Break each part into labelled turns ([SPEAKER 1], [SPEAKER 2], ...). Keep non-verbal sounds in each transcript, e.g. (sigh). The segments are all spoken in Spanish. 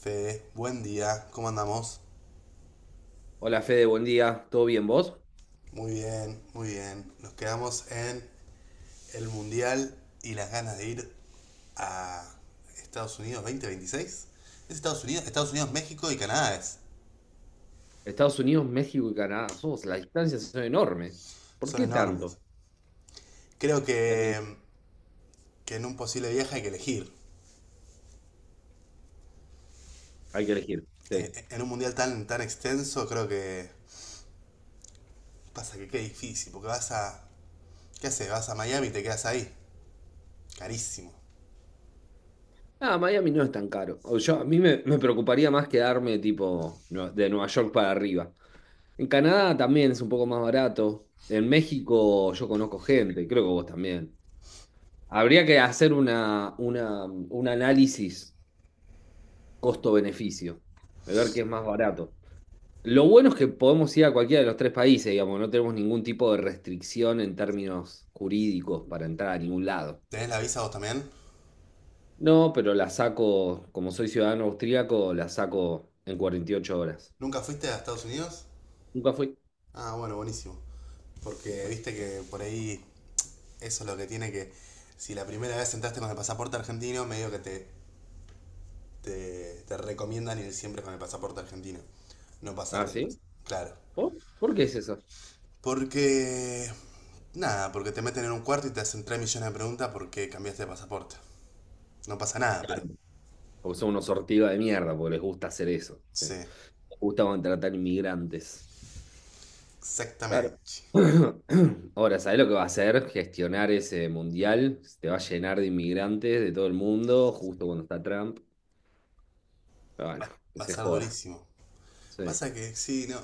[SPEAKER 1] Fede, buen día, ¿cómo andamos?
[SPEAKER 2] Hola Fede, buen día. ¿Todo bien vos?
[SPEAKER 1] Muy bien, muy bien. Nos quedamos en el Mundial y las ganas de ir a Estados Unidos 2026. Es Estados Unidos, México y Canadá es.
[SPEAKER 2] Estados Unidos, México y Canadá. Las distancias son enormes. ¿Por
[SPEAKER 1] Son
[SPEAKER 2] qué
[SPEAKER 1] enormes.
[SPEAKER 2] tanto?
[SPEAKER 1] Creo
[SPEAKER 2] Es mi-
[SPEAKER 1] que en un posible viaje hay que elegir.
[SPEAKER 2] Hay que elegir. Sí.
[SPEAKER 1] En un mundial tan extenso, creo que pasa que qué difícil, porque vas a. ¿Qué haces? Vas a Miami y te quedas ahí. Carísimo.
[SPEAKER 2] Ah, Miami no es tan caro. A mí me preocuparía más quedarme tipo de Nueva York para arriba. En Canadá también es un poco más barato. En México yo conozco gente, creo que vos también. Habría que hacer un análisis costo-beneficio, de ver qué es más barato. Lo bueno es que podemos ir a cualquiera de los tres países, digamos, no tenemos ningún tipo de restricción en términos jurídicos para entrar a ningún lado.
[SPEAKER 1] ¿Tenés la visa vos también?
[SPEAKER 2] No, pero la saco, como soy ciudadano austríaco, la saco en 48 horas.
[SPEAKER 1] ¿Nunca fuiste a Estados Unidos?
[SPEAKER 2] Nunca fui.
[SPEAKER 1] Ah, bueno, buenísimo. Porque
[SPEAKER 2] Así
[SPEAKER 1] viste
[SPEAKER 2] que-
[SPEAKER 1] que por ahí eso es lo que tiene que. Si la primera vez entraste con el pasaporte argentino, medio que te recomiendan ir siempre con el pasaporte argentino. No
[SPEAKER 2] ¿Ah,
[SPEAKER 1] pasarte el
[SPEAKER 2] sí?
[SPEAKER 1] pasaporte. Claro.
[SPEAKER 2] ¿Por? ¿Por qué es eso?
[SPEAKER 1] Porque. Nada, porque te meten en un cuarto y te hacen 3 millones de preguntas por qué cambiaste de pasaporte. No pasa nada, pero.
[SPEAKER 2] Claro, porque son unos sortidos de mierda, porque les gusta hacer eso. ¿Sí?
[SPEAKER 1] Sí,
[SPEAKER 2] Les gusta contratar inmigrantes. Claro.
[SPEAKER 1] exactamente.
[SPEAKER 2] (clears throat) Ahora, ¿sabés lo que va a hacer? Gestionar ese mundial. Se te va a llenar de inmigrantes de todo el mundo, justo cuando está Trump. Bueno, que
[SPEAKER 1] Va a
[SPEAKER 2] se
[SPEAKER 1] ser
[SPEAKER 2] joda.
[SPEAKER 1] durísimo.
[SPEAKER 2] Sí,
[SPEAKER 1] Pasa que sí, no.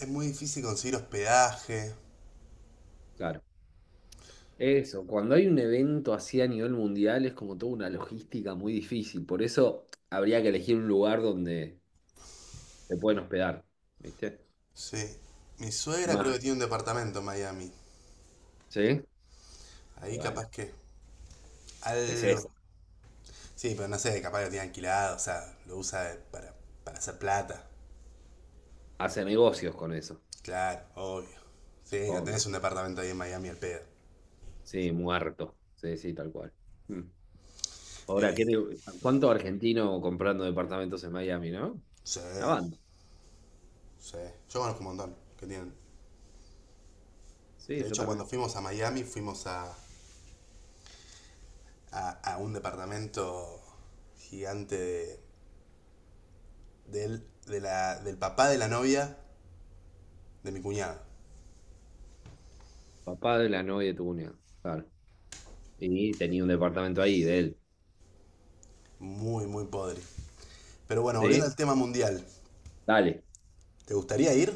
[SPEAKER 1] Es muy difícil conseguir hospedaje.
[SPEAKER 2] claro. Eso, cuando hay un evento así a nivel mundial es como toda una logística muy difícil. Por eso habría que elegir un lugar donde se pueden hospedar, ¿viste?
[SPEAKER 1] Sí. Mi suegra creo que
[SPEAKER 2] Más,
[SPEAKER 1] tiene un departamento en Miami.
[SPEAKER 2] ¿sí? Y
[SPEAKER 1] Ahí
[SPEAKER 2] bueno,
[SPEAKER 1] capaz que
[SPEAKER 2] es eso.
[SPEAKER 1] algo. Sí, pero no sé, capaz lo tiene alquilado, o sea, lo usa para hacer plata.
[SPEAKER 2] Hace negocios con eso,
[SPEAKER 1] Claro, obvio. Sí, no
[SPEAKER 2] obvio.
[SPEAKER 1] tenés un departamento ahí en Miami al pedo.
[SPEAKER 2] Sí, muerto. Sí, sí, tal cual. Mm. Ahora,
[SPEAKER 1] Ey,
[SPEAKER 2] ¿cuánto argentino comprando departamentos en Miami, no?
[SPEAKER 1] sí,
[SPEAKER 2] La banda.
[SPEAKER 1] sí. Yo conozco un montón que tienen.
[SPEAKER 2] Sí,
[SPEAKER 1] De
[SPEAKER 2] yo
[SPEAKER 1] hecho, cuando
[SPEAKER 2] también.
[SPEAKER 1] fuimos a Miami, fuimos a un departamento gigante de, del, de la- del papá de la novia de mi cuñado.
[SPEAKER 2] Papá de la novia de tu cuñado. Claro. Y tenía un departamento ahí de él.
[SPEAKER 1] Muy, muy podre. Pero bueno, volviendo
[SPEAKER 2] ¿Sí?
[SPEAKER 1] al tema mundial.
[SPEAKER 2] Dale,
[SPEAKER 1] ¿Te gustaría ir?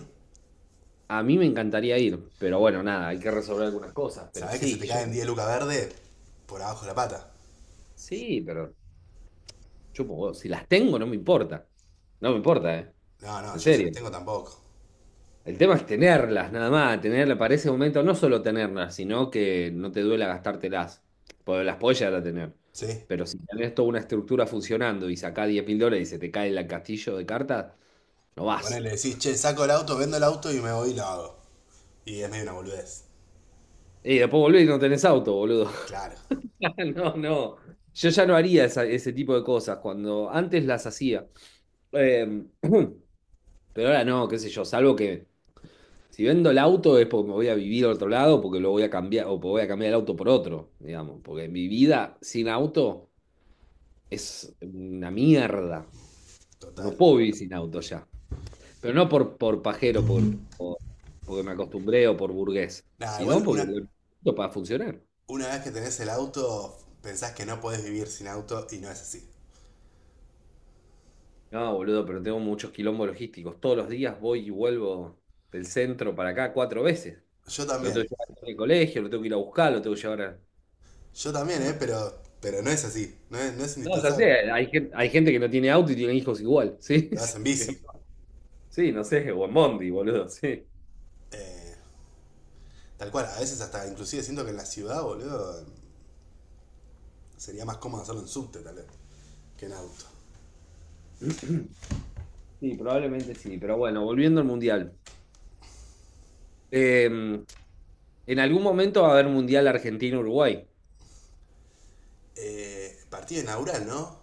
[SPEAKER 2] a mí me encantaría ir, pero bueno, nada, hay que resolver algunas cosas, pero
[SPEAKER 1] ¿Sabés que se
[SPEAKER 2] sí,
[SPEAKER 1] te
[SPEAKER 2] yo,
[SPEAKER 1] caen 10 lucas verde por abajo de la pata?
[SPEAKER 2] sí, pero chupo huevo, si las tengo no me importa, no me importa, ¿eh?
[SPEAKER 1] No, no,
[SPEAKER 2] En
[SPEAKER 1] yo si las
[SPEAKER 2] serio.
[SPEAKER 1] tengo tampoco.
[SPEAKER 2] El tema es tenerlas, nada más, tenerlas para ese momento, no solo tenerlas, sino que no te duela gastártelas, porque las podés llegar a tener.
[SPEAKER 1] Sí.
[SPEAKER 2] Pero si tenés toda una estructura funcionando y sacás 10.000 dólares y se te cae el castillo de cartas, no
[SPEAKER 1] Bueno,
[SPEAKER 2] vas.
[SPEAKER 1] le decís, che, saco el auto, vendo el auto y me voy y lo hago. Y es medio una boludez.
[SPEAKER 2] Y después volvés y no tenés auto, boludo.
[SPEAKER 1] Claro,
[SPEAKER 2] (laughs) No, no. Yo ya no haría ese tipo de cosas cuando antes las hacía. Eh, (clears throat) pero ahora no, qué sé yo, salvo que si vendo el auto es porque me voy a vivir a otro lado, porque lo voy a cambiar, o porque voy a cambiar el auto por otro, digamos, porque mi vida sin auto es una mierda. No
[SPEAKER 1] total.
[SPEAKER 2] puedo vivir sin auto ya. Pero no por pajero, porque me acostumbré o por burgués,
[SPEAKER 1] Nada, igual
[SPEAKER 2] sino porque lo
[SPEAKER 1] una,
[SPEAKER 2] necesito para funcionar.
[SPEAKER 1] una vez que tenés el auto, pensás que no podés vivir sin auto y no es así.
[SPEAKER 2] No, boludo, pero tengo muchos quilombos logísticos. Todos los días voy y vuelvo del centro para acá cuatro veces.
[SPEAKER 1] Yo
[SPEAKER 2] Lo tengo
[SPEAKER 1] también.
[SPEAKER 2] que llevar al colegio, lo tengo que ir a buscar, lo tengo que llevar a...
[SPEAKER 1] Yo también, ¿eh?
[SPEAKER 2] Bueno,
[SPEAKER 1] Pero no es así. No es
[SPEAKER 2] no, ya
[SPEAKER 1] indispensable.
[SPEAKER 2] sé, hay gente que no tiene auto y tiene hijos igual, ¿sí? (laughs)
[SPEAKER 1] Lo vas en
[SPEAKER 2] Sí,
[SPEAKER 1] bici.
[SPEAKER 2] sí, no sé, o en Bondi, boludo, sí.
[SPEAKER 1] Eh, tal cual, a veces hasta inclusive siento que en la ciudad, boludo, sería más cómodo hacerlo en subte, tal vez, que en auto.
[SPEAKER 2] Sí, probablemente sí, pero bueno, volviendo al Mundial. Eh, en algún momento va a haber Mundial Argentina-Uruguay.
[SPEAKER 1] Partido inaugural, ¿no?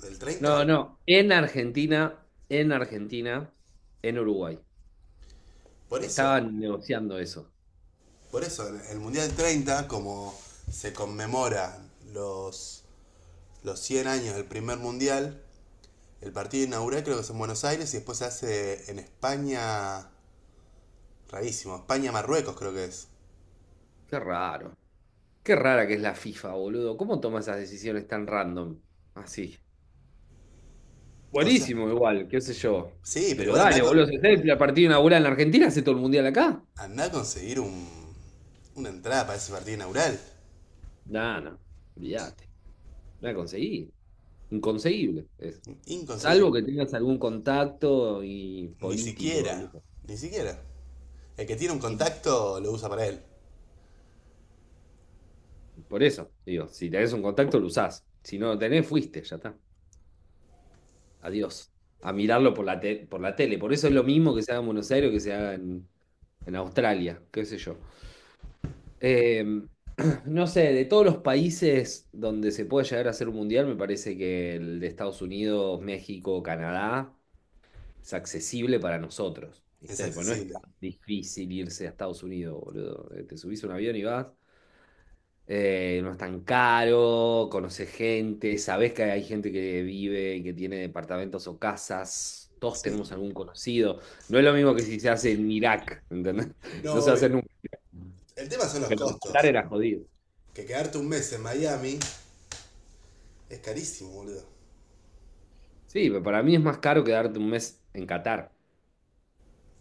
[SPEAKER 1] ¿Del 30?
[SPEAKER 2] No, no, en Argentina, en Argentina, en Uruguay.
[SPEAKER 1] Por eso.
[SPEAKER 2] Estaban negociando eso.
[SPEAKER 1] Por eso, en el Mundial 30, como se conmemora los, los 100 años del primer Mundial, el partido inaugural creo que es en Buenos Aires y después se hace en España, rarísimo, España-Marruecos creo que es.
[SPEAKER 2] Qué raro. Qué rara que es la FIFA, boludo. ¿Cómo toma esas decisiones tan random? Así.
[SPEAKER 1] O sea,
[SPEAKER 2] Buenísimo, igual, qué sé yo.
[SPEAKER 1] sí, pero
[SPEAKER 2] Pero
[SPEAKER 1] igual andá, a
[SPEAKER 2] dale,
[SPEAKER 1] con-
[SPEAKER 2] boludo. Si hace el partido inaugural en la Argentina, hace todo el mundial acá.
[SPEAKER 1] andá a conseguir una entrada para ese partido inaugural.
[SPEAKER 2] No, no. Olvídate. No la conseguí. Inconseguible es. Salvo
[SPEAKER 1] Inconseguible.
[SPEAKER 2] que tengas algún contacto y
[SPEAKER 1] Ni
[SPEAKER 2] político. Y
[SPEAKER 1] siquiera,
[SPEAKER 2] eso.
[SPEAKER 1] ni siquiera. El que tiene un
[SPEAKER 2] Y
[SPEAKER 1] contacto lo usa para él.
[SPEAKER 2] por eso, digo, si tenés un contacto, lo usás. Si no lo tenés, fuiste, ya está. Adiós. A mirarlo por la, por la tele. Por eso es lo mismo que se haga en Buenos Aires o que se haga en Australia, qué sé yo. Eh, (clears throat) no sé, de todos los países donde se puede llegar a hacer un mundial, me parece que el de Estados Unidos, México, Canadá es accesible para nosotros,
[SPEAKER 1] Es
[SPEAKER 2] ¿viste? Pues no es
[SPEAKER 1] accesible.
[SPEAKER 2] tan difícil irse a Estados Unidos, boludo. Te subís a un avión y vas. No es tan caro, conoces gente, sabés que hay gente que vive y que tiene departamentos o casas. Todos
[SPEAKER 1] Sí.
[SPEAKER 2] tenemos algún conocido. No es lo mismo que si se hace en Irak, ¿entendés?
[SPEAKER 1] No,
[SPEAKER 2] (laughs) No se hace
[SPEAKER 1] obvio.
[SPEAKER 2] nunca.
[SPEAKER 1] El tema son los
[SPEAKER 2] Pero en Qatar
[SPEAKER 1] costos.
[SPEAKER 2] era jodido.
[SPEAKER 1] Que quedarte un mes en Miami es carísimo, boludo.
[SPEAKER 2] Sí, pero para mí es más caro quedarte un mes en Qatar.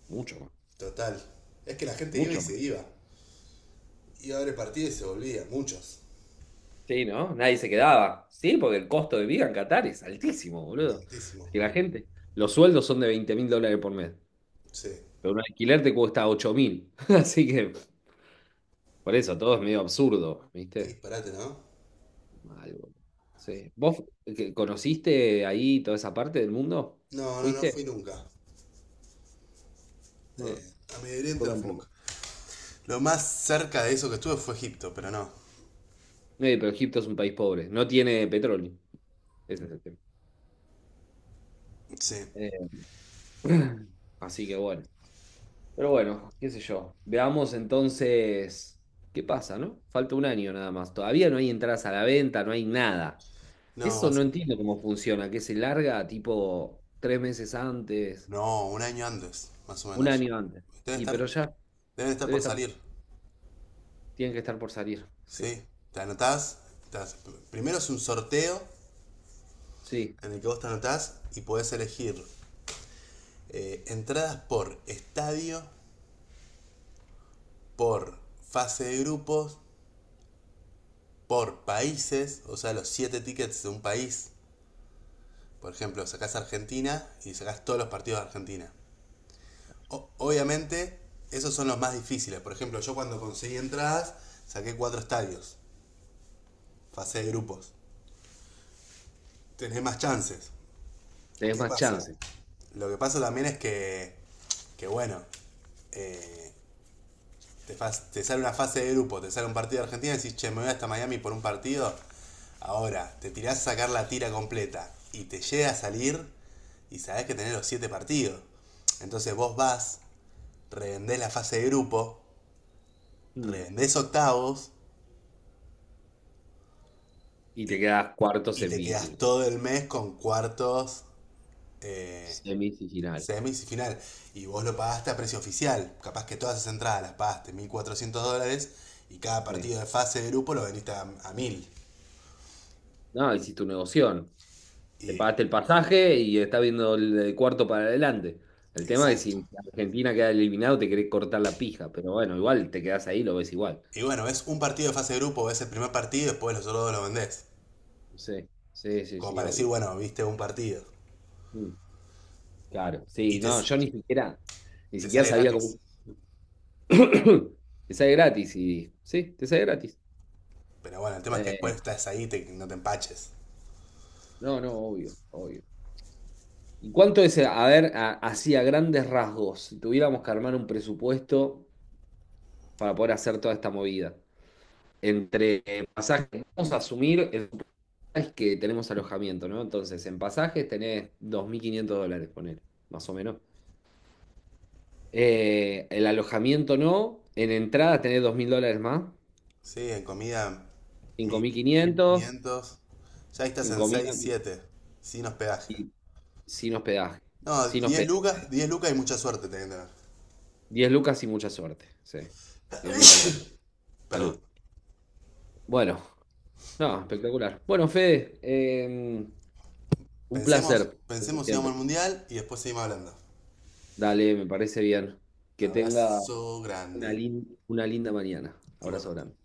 [SPEAKER 2] Mucho más.
[SPEAKER 1] Total. Es que la gente iba y
[SPEAKER 2] Mucho
[SPEAKER 1] se
[SPEAKER 2] más.
[SPEAKER 1] iba. Iba a ver el partido y se volvía. Muchos.
[SPEAKER 2] Sí, ¿no? Nadie se quedaba. Sí, porque el costo de vida en Qatar es altísimo, boludo.
[SPEAKER 1] Altísimo.
[SPEAKER 2] Y la gente, los sueldos son de 20.000 dólares por mes,
[SPEAKER 1] Sí.
[SPEAKER 2] pero un alquiler te cuesta 8.000. (laughs) Así que, por eso, todo es medio absurdo,
[SPEAKER 1] Qué
[SPEAKER 2] ¿viste?
[SPEAKER 1] disparate, ¿no?
[SPEAKER 2] Mal, boludo. Sí. ¿Vos conociste ahí toda esa parte del mundo?
[SPEAKER 1] No, no, no
[SPEAKER 2] ¿Fuiste?
[SPEAKER 1] fui nunca.
[SPEAKER 2] No,
[SPEAKER 1] A Medio
[SPEAKER 2] yo
[SPEAKER 1] Oriente no fui nunca.
[SPEAKER 2] tampoco.
[SPEAKER 1] Lo más cerca de eso que estuve fue Egipto, pero no.
[SPEAKER 2] Pero Egipto es un país pobre, no tiene petróleo. Ese es el tema.
[SPEAKER 1] Sí.
[SPEAKER 2] Eh, (clears throat) así que bueno. Pero bueno, qué sé yo. Veamos entonces qué pasa, ¿no? Falta un año nada más. Todavía no hay entradas a la venta, no hay nada.
[SPEAKER 1] No, va
[SPEAKER 2] Eso
[SPEAKER 1] a
[SPEAKER 2] no
[SPEAKER 1] ser.
[SPEAKER 2] entiendo cómo funciona, que se larga tipo 3 meses antes,
[SPEAKER 1] No, un año antes, más o
[SPEAKER 2] un
[SPEAKER 1] menos.
[SPEAKER 2] año antes.
[SPEAKER 1] Debe
[SPEAKER 2] Y pero
[SPEAKER 1] estar,
[SPEAKER 2] ya
[SPEAKER 1] deben estar
[SPEAKER 2] debe
[SPEAKER 1] por
[SPEAKER 2] estar,
[SPEAKER 1] salir.
[SPEAKER 2] tienen que estar por salir. Sí,
[SPEAKER 1] Sí, te anotás. te haces- primero es un sorteo
[SPEAKER 2] sí,
[SPEAKER 1] en el que vos te anotás y podés elegir entradas por estadio, por fase de grupos, por países, o sea, los siete tickets de un país. Por ejemplo, sacás Argentina y sacás todos los partidos de Argentina. Obviamente, esos son los más difíciles. Por ejemplo, yo cuando conseguí entradas, saqué cuatro estadios, fase de grupos. Tenés más chances.
[SPEAKER 2] tenés
[SPEAKER 1] ¿Qué
[SPEAKER 2] más
[SPEAKER 1] pasa?
[SPEAKER 2] chance.
[SPEAKER 1] Lo que pasa también es que bueno, eh, te sale una fase de grupo, te sale un partido de Argentina y decís, che, me voy hasta Miami por un partido. Ahora, te tirás a sacar la tira completa y te llega a salir y sabés que tenés los siete partidos. Entonces vos vas, revendés la fase de grupo,
[SPEAKER 2] Mm.
[SPEAKER 1] revendés octavos
[SPEAKER 2] Y te
[SPEAKER 1] y,
[SPEAKER 2] quedas cuarto
[SPEAKER 1] y te quedas
[SPEAKER 2] semi,
[SPEAKER 1] todo el mes con cuartos, eh,
[SPEAKER 2] semifinal.
[SPEAKER 1] semis y final. Y vos lo pagaste a precio oficial. Capaz que todas esas entradas las pagaste $1.400 y cada
[SPEAKER 2] Sí.
[SPEAKER 1] partido de fase de grupo lo vendiste a 1.000.
[SPEAKER 2] No, hiciste tu negocio. Te
[SPEAKER 1] Y,
[SPEAKER 2] pagaste el pasaje y estás viendo el cuarto para adelante. El tema es
[SPEAKER 1] exacto.
[SPEAKER 2] si Argentina queda eliminado, te querés cortar la pija, pero bueno, igual te quedás ahí, lo ves igual.
[SPEAKER 1] Y bueno, ves un partido de fase de grupo, ves el primer partido y después los otros dos lo vendés.
[SPEAKER 2] Sí, sí, sí,
[SPEAKER 1] Como
[SPEAKER 2] sí,
[SPEAKER 1] para decir,
[SPEAKER 2] obvio.
[SPEAKER 1] bueno, viste un partido.
[SPEAKER 2] Mm, claro,
[SPEAKER 1] Y
[SPEAKER 2] sí, no, yo ni siquiera, ni
[SPEAKER 1] te
[SPEAKER 2] siquiera
[SPEAKER 1] sale
[SPEAKER 2] sabía cómo.
[SPEAKER 1] gratis.
[SPEAKER 2] (coughs) (clears throat) Te sale gratis y. Sí, te sale gratis.
[SPEAKER 1] Pero bueno, el tema es que después
[SPEAKER 2] Eh,
[SPEAKER 1] estás ahí y no te empaches.
[SPEAKER 2] no, no, obvio, obvio. ¿Y cuánto es, a ver, así a grandes rasgos, si tuviéramos que armar un presupuesto para poder hacer toda esta movida? Entre pasajes, vamos a asumir el es que tenemos alojamiento, ¿no? Entonces, en pasajes tenés 2.500 dólares, poner, más o menos. El alojamiento no, en entrada tenés 2.000 dólares más,
[SPEAKER 1] Sí, en comida
[SPEAKER 2] cinco
[SPEAKER 1] mil
[SPEAKER 2] mil quinientos
[SPEAKER 1] quinientos Ya ahí estás
[SPEAKER 2] en
[SPEAKER 1] en
[SPEAKER 2] comida
[SPEAKER 1] 6
[SPEAKER 2] y,
[SPEAKER 1] siete. Sin hospedaje.
[SPEAKER 2] y sin hospedaje,
[SPEAKER 1] No,
[SPEAKER 2] sin
[SPEAKER 1] 10
[SPEAKER 2] hospedaje.
[SPEAKER 1] lucas, 10 lucas y mucha suerte tenés que tener.
[SPEAKER 2] 10 lucas y mucha suerte, sí. Si no, no te alcanza.
[SPEAKER 1] (coughs) Perdón.
[SPEAKER 2] Salud. Bueno, no, espectacular. Bueno, Fede, un
[SPEAKER 1] Pensemos,
[SPEAKER 2] placer, como
[SPEAKER 1] pensemos si
[SPEAKER 2] siempre.
[SPEAKER 1] vamos al mundial y después seguimos hablando.
[SPEAKER 2] Dale, me parece bien. Que tenga
[SPEAKER 1] Abrazo
[SPEAKER 2] una,
[SPEAKER 1] grande.
[SPEAKER 2] lin- una linda mañana. Abrazo
[SPEAKER 1] Igualmente.
[SPEAKER 2] grande.